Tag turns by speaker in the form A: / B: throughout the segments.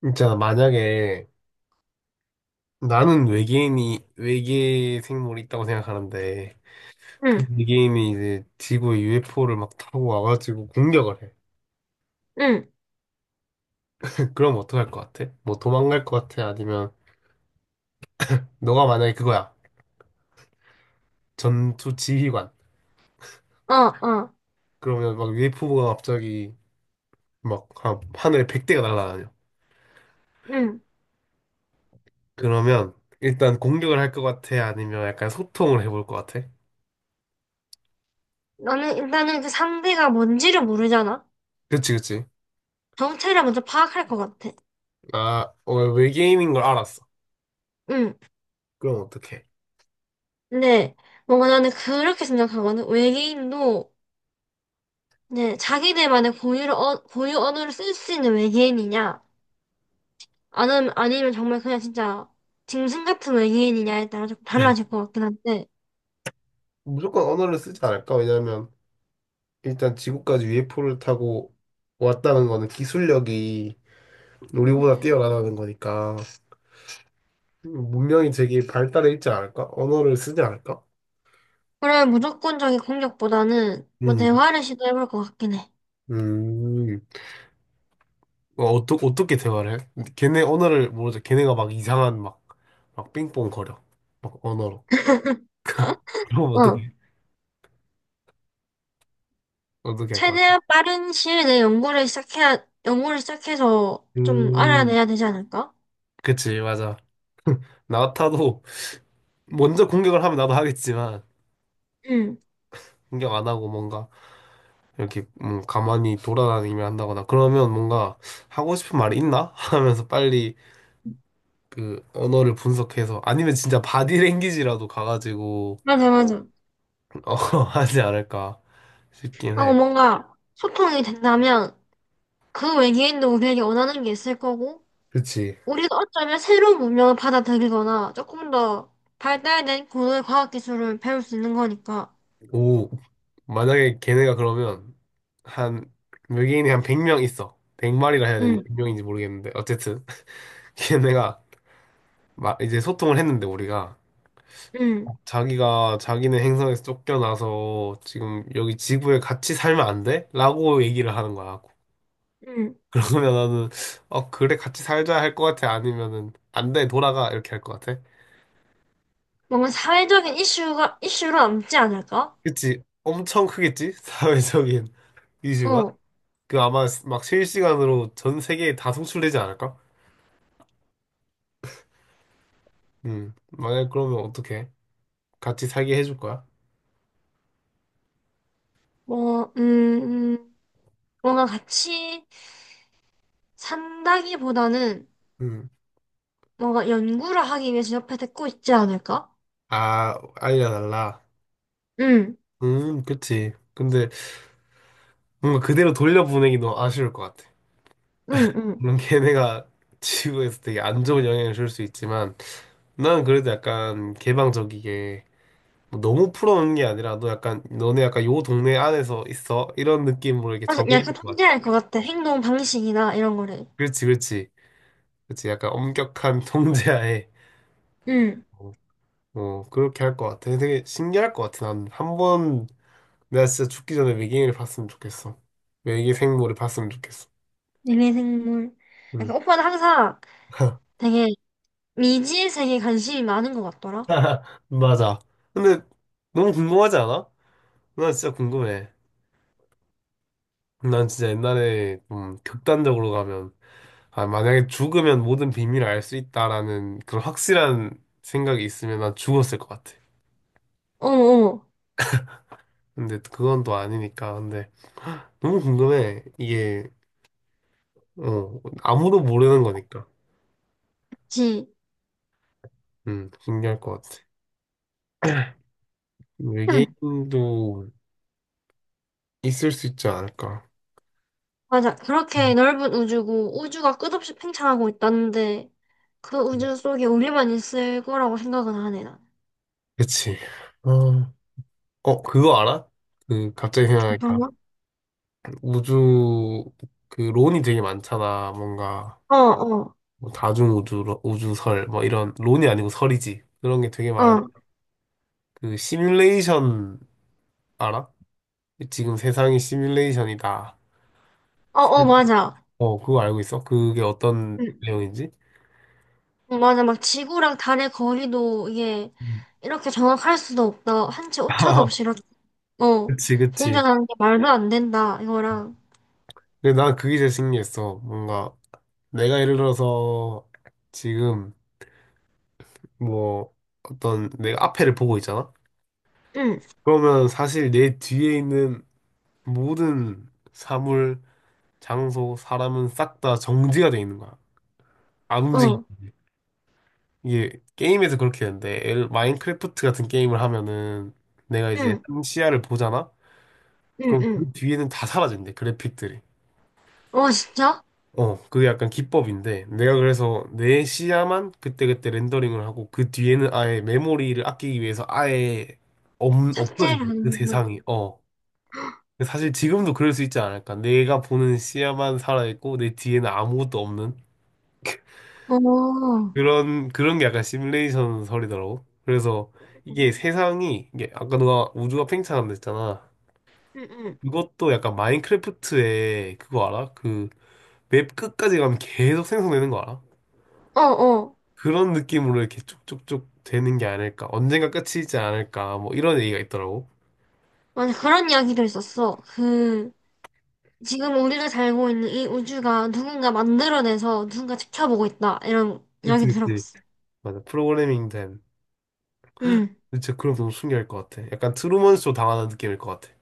A: 진짜 만약에 나는 외계인이 외계 생물이 있다고 생각하는데 그
B: 응,
A: 외계인이 이제 지구에 UFO를 막 타고 와가지고 공격을 해.
B: 응,
A: 그럼 어떡할 것 같아? 뭐 도망갈 것 같아? 아니면 너가 만약에 그거야 전투 지휘관
B: 어, 어,
A: 그러면 막 UFO가 갑자기 막 하늘에 100대가 날아다녀.
B: 응.
A: 그러면 일단 공격을 할 것 같아? 아니면 약간 소통을 해볼 것 같아?
B: 너는 일단은 그 상대가 뭔지를 모르잖아.
A: 그치 그치.
B: 정체를 먼저 파악할 것 같아.
A: 아 어, 외계인인 걸 알았어.
B: 응.
A: 그럼 어떡해?
B: 근데 뭔가 나는 그렇게 생각하거든. 외계인도 이제 자기들만의 고유 언어를 쓸 수 있는 외계인이냐, 아니면 정말 그냥 진짜 짐승 같은 외계인이냐에 따라 조금 달라질 것 같긴 한데.
A: 무조건 언어를 쓰지 않을까? 왜냐면 일단 지구까지 UFO를 타고 왔다는 거는 기술력이 우리보다
B: 음.
A: 뛰어나다는 거니까 문명이 되게 발달해 있지 않을까? 언어를 쓰지 않을까?
B: 그런 무조건적인 공격보다는 뭐
A: 음,
B: 대화를 시도해볼 것 같긴 해.
A: 음, 어떻게 대화를 해? 걔네 언어를 모르죠. 걔네가 막 이상한 막 삥뽕 거려. 막 언어로. 그럼
B: 어.
A: 어떻게 할 거야?
B: 최대한 빠른 시일 내에 연구를 시작해야, 연구를 시작해서 좀
A: 음,
B: 알아내야 되지 않을까?
A: 그치, 맞아. 나 같아도 먼저 공격을 하면 나도 하겠지만,
B: 응,
A: 공격 안 하고 뭔가 이렇게 가만히 돌아다니며 한다거나 그러면 뭔가 하고 싶은 말이 있나? 하면서 빨리 그 언어를 분석해서 아니면 진짜 바디랭귀지라도 가가지고
B: 맞아, 맞아.
A: 어, 하지 않을까 싶긴
B: 하고
A: 해.
B: 뭔가 소통이 된다면 그 외계인도 우리에게 원하는 게 있을 거고,
A: 그치.
B: 우리가 어쩌면 새로운 문명을 받아들이거나 조금 더 발달된 고도의 과학 기술을 배울 수 있는 거니까.
A: 오, 만약에 걔네가 그러면 한 외계인이 한 100명 있어. 100마리라 해야 되는지
B: 응,
A: 100명인지 모르겠는데 어쨌든 걔네가 막 이제 소통을 했는데 우리가
B: 응,
A: 자기가 자기는 행성에서 쫓겨나서 지금 여기 지구에 같이 살면 안 돼? 라고 얘기를 하는 거야.
B: 응.
A: 그러면 나는 어 그래 같이 살자 할 것 같아 아니면은 안 돼 돌아가 이렇게 할 것 같아.
B: 뭔가 사회적인 이슈로 남지 않을까?
A: 그치? 엄청 크겠지? 사회적인 이슈가
B: 어,
A: 그 아마 막 실시간으로 전 세계에 다 송출되지 않을까? 만약 그러면 어떡해? 같이 살게 해줄 거야?
B: 뭐, 음, 뭔가 같이 산다기보다는 뭔가 연구를 하기 위해서 옆에 데리고 있지 않을까?
A: 음아 알려달라.
B: 응,
A: 그치. 근데 뭔가 그대로 돌려보내기 너무 아쉬울 것 같아.
B: 응, 응.
A: 물론 걔네가 지구에서 되게 안 좋은 영향을 줄 수 있지만 난 그래도 약간 개방적이게 뭐 너무 풀어놓는 게 아니라 너 약간 너네 약간 요 동네 안에서 있어 이런 느낌으로 이렇게
B: 그래서 약간
A: 정해줄 것 같아.
B: 탐지할 것 같아. 행동 방식이나 이런 거를.
A: 그렇지, 그렇지, 그렇지. 약간 엄격한 통제하에
B: 응,
A: 어, 어, 그렇게 할 것 같아. 되게 신기할 것 같아. 난 한 번 내가 진짜 죽기 전에 외계인을 봤으면 좋겠어. 외계 생물을 봤으면 좋겠어.
B: 얘네 생물.
A: 응.
B: 약간 오빠는 항상 되게 미지의 세계에 관심이 많은 것 같더라.
A: 맞아. 근데 너무 궁금하지 않아? 나 진짜 궁금해. 난 진짜 옛날에 좀 극단적으로 가면, 아, 만약에 죽으면 모든 비밀을 알 수 있다라는 그런 확실한 생각이 있으면 난 죽었을 것 같아.
B: 어, 어.
A: 근데 그건 또 아니니까. 근데 너무 궁금해. 이게, 어, 아무도 모르는 거니까.
B: 그치?
A: 신기할 것 같아.
B: 응.
A: 외계인도 있을 수 있지 않을까.
B: 맞아. 그렇게
A: 음.
B: 넓은 우주고 우주가 끝없이 팽창하고 있다는데 그 우주 속에 우리만 있을 거라고 생각은 안 해, 난.
A: 그치. 어, 어, 그거 알아? 그, 갑자기 생각하니까.
B: 정말?
A: 우주, 그, 론이 되게 많잖아. 뭔가.
B: 어, 어,
A: 뭐 다중우주, 우주설, 뭐 이런, 론이 아니고 설이지. 그런 게 되게 많은.
B: 어,
A: 그 시뮬레이션 알아? 지금 세상이 시뮬레이션이다.
B: 어, 어, 맞아.
A: 어, 그거 알고 있어? 그게 어떤
B: 응.
A: 내용인지?
B: 맞아, 막 지구랑 달의 거리도 이게
A: 음.
B: 이렇게 정확할 수도 없다. 한치 오차도 없이 이렇게, 어,
A: 그치, 그치.
B: 공전하는 게 말도 안 된다. 이거랑,
A: 근데 난 그게 제일 신기했어. 뭔가 내가 예를 들어서 지금 뭐 어떤 내가 앞에를 보고 있잖아?
B: 응,
A: 그러면 사실 내 뒤에 있는 모든 사물, 장소, 사람은 싹 다 정지가 돼 있는 거야. 안움직이
B: 어,
A: 이게 게임에서 그렇게 되는데 마인크래프트 같은 게임을 하면은 내가 이제
B: 응,
A: 한 시야를 보잖아?
B: 응,
A: 그럼
B: 응.
A: 그 뒤에는 다 사라진대 그래픽들이
B: 어, 진짜?
A: 어 그게 약간 기법인데 내가 그래서 내 시야만 그때그때 렌더링을 하고 그 뒤에는 아예 메모리를 아끼기 위해서 아예 없,
B: 삭제를
A: 없어진대
B: 하
A: 그
B: 는거
A: 세상이 어 근데 사실 지금도 그럴 수 있지 않을까 내가 보는 시야만 살아있고 내 뒤에는 아무것도 없는
B: 어,
A: 그런 게 약간 시뮬레이션 설이더라고. 그래서 이게 세상이, 이게 아까 너가 우주가 팽창한다 했잖아.
B: 응, 응.
A: 그것도 약간 마인크래프트의 그거 알아? 그 맵 끝까지 가면 계속 생성되는 거 알아?
B: 어, 어.
A: 그런 느낌으로 이렇게 쭉쭉쭉 되는 게 아닐까. 언젠가 끝이지 않을까. 뭐 이런 얘기가 있더라고.
B: 맞아, 그런 이야기도 있었어. 그, 지금 우리가 살고 있는 이 우주가 누군가 만들어내서 누군가 지켜보고 있다. 이런
A: 그치,
B: 이야기도
A: 그치.
B: 들어봤어.
A: 맞아. 프로그래밍 된.
B: 응,
A: 진짜 그럼 너무 신기할 것 같아. 약간 트루먼 쇼 당하는 느낌일 것 같아.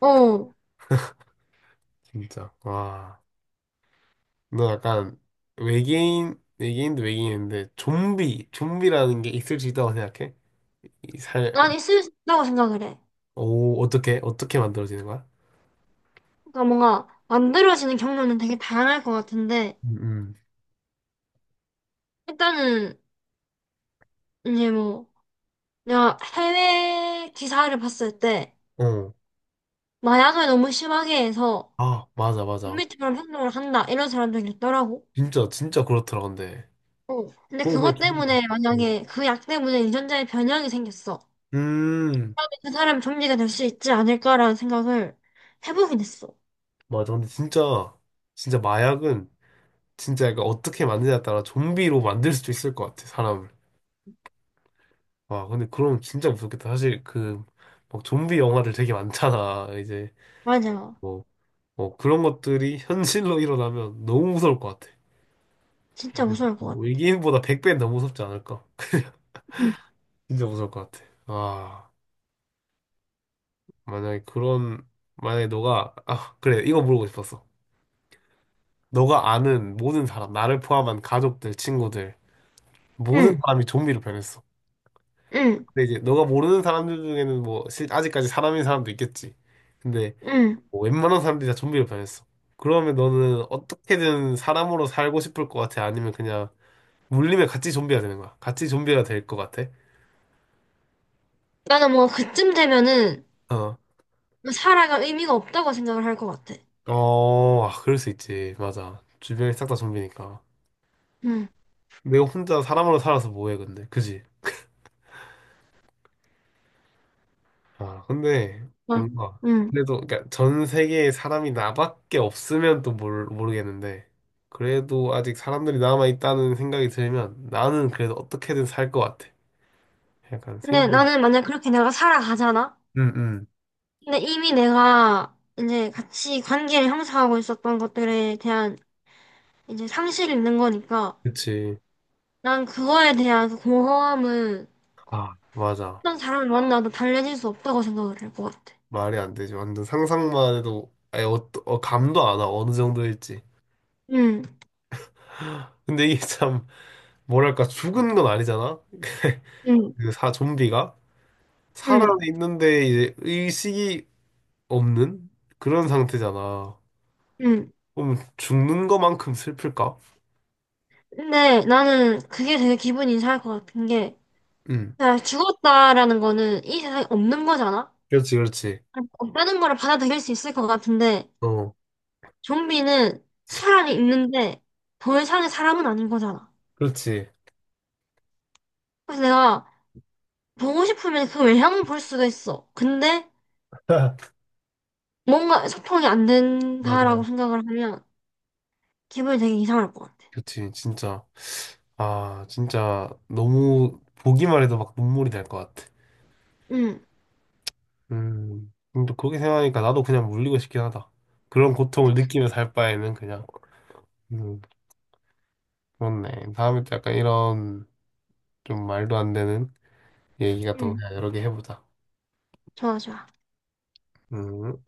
B: 어.
A: 진짜. 와. 너 약간 외계인도 외계인인데 좀비라는 게 있을 수 있다고 생각해? 이 살,
B: 난 있을 수 있다고 생각을 해.
A: 오, 어떻게 만들어지는 거야?
B: 그러니까 뭔가 만들어지는 경로는 되게 다양할 것 같은데
A: 음,
B: 일단은 이제 뭐 내가 해외 기사를 봤을 때
A: 어.
B: 마약을 너무 심하게 해서
A: 아, 맞아,
B: 인
A: 맞아.
B: 미트럼 행동을 한다 이런 사람들이 있더라고.
A: 진짜, 진짜 그렇더라, 근데.
B: 어. 근데
A: 뭐 그냥
B: 그것
A: 좀
B: 때문에
A: 비
B: 만약에 그 약 때문에 유전자에 변형이 생겼어.
A: 음,
B: 그 사람 좀비가 될 수 있지 않을까라는 생각을 해보긴 했어.
A: 맞아. 근데 진짜, 진짜 마약은 진짜 약간 어떻게 만드냐에 따라 좀비로 만들 수도 있을 것 같아, 사람을. 와, 근데 그럼 진짜 무섭겠다. 사실 그, 막 좀비 영화들 되게 많잖아, 이제.
B: 맞아.
A: 뭐, 뭐 그런 것들이 현실로 일어나면 너무 무서울 것 같아.
B: 진짜
A: 근데
B: 무서울 것
A: 뭐
B: 같아.
A: 외계인보다 100배는 더 무섭지 않을까?
B: 응,
A: 진짜 무서울 것 같아. 아, 만약에 그런, 만약에 너가, 아, 그래, 이거 물어보고 싶었어. 너가 아는 모든 사람, 나를 포함한 가족들, 친구들, 모든
B: 응,
A: 사람이 좀비로 변했어.
B: 응.
A: 근데 이제 너가 모르는 사람들 중에는 뭐, 아직까지 사람인 사람도 있겠지. 근데
B: 응.
A: 뭐 웬만한 사람들이 다 좀비로 변했어. 그러면 너는 어떻게든 사람으로 살고 싶을 것 같아? 아니면 그냥 물리면 같이 좀비가 되는 거야. 같이 좀비가 될 것 같아.
B: 나는 뭔가 그쯤 되면은
A: 어.
B: 뭐 살아갈 의미가 없다고 생각을 할 것 같아.
A: 어, 아, 그럴 수 있지. 맞아. 주변이 싹 다 좀비니까.
B: 응,
A: 내가 혼자 사람으로 살아서 뭐해, 근데. 그지? 아, 근데,
B: 응.
A: 뭔가.
B: 응.
A: 그래도, 그러니까 전 세계에 사람이 나밖에 없으면 또 모르겠는데. 그래도 아직 사람들이 남아있다는 생각이 들면 나는 그래도 어떻게든 살 것 같아. 약간
B: 근데
A: 생존.
B: 나는 만약 그렇게 내가 살아가잖아?
A: 응, 응.
B: 근데 이미 내가 이제 같이 관계를 형성하고 있었던 것들에 대한 이제 상실이 있는 거니까
A: 그치.
B: 난 그거에 대한 그 공허함은
A: 아, 맞아.
B: 어떤 사람을 만나도 달래질 수 없다고 생각을 할 것 같아.
A: 말이 안 되지. 완전 상상만 해도 아예 어, 어, 감도 안 와. 어느 정도일지.
B: 응,
A: 근데 이게 참 뭐랄까 죽은 건 아니잖아.
B: 응,
A: 그 사 좀비가 살아
B: 응,
A: 있는데 이제 의식이 없는 그런 상태잖아.
B: 응.
A: 그럼 죽는 것만큼 슬플까?
B: 근데 나는 그게 되게 기분이 이상할 것 같은 게
A: 응.
B: 내가 죽었다라는 거는 이 세상에 없는 거잖아?
A: 그렇지, 그렇지.
B: 없다는 거를 받아들일 수 있을 것 같은데
A: 어,
B: 좀비는 사람이 있는데 더 이상의 사람은 아닌 거잖아.
A: 그렇지.
B: 그래서 내가 보고 싶으면 그 외향을 볼 수가 있어. 근데 뭔가 소통이 안 된다라고
A: 맞아.
B: 생각을 하면 기분이 되게 이상할 것 같아.
A: 그렇지, 진짜. 아, 진짜 너무 보기만 해도 막 눈물이 날 것 같아.
B: 응,
A: 음. 근데 그렇게 생각하니까 나도 그냥 물리고 싶긴 하다. 그런 고통을 느끼며 살 바에는 그냥. 음, 그렇네. 다음에 또 약간 이런 좀 말도 안 되는 얘기 같은 거
B: 응,
A: 그냥 여러 개 해보자.
B: 좋아, 좋아.
A: 음.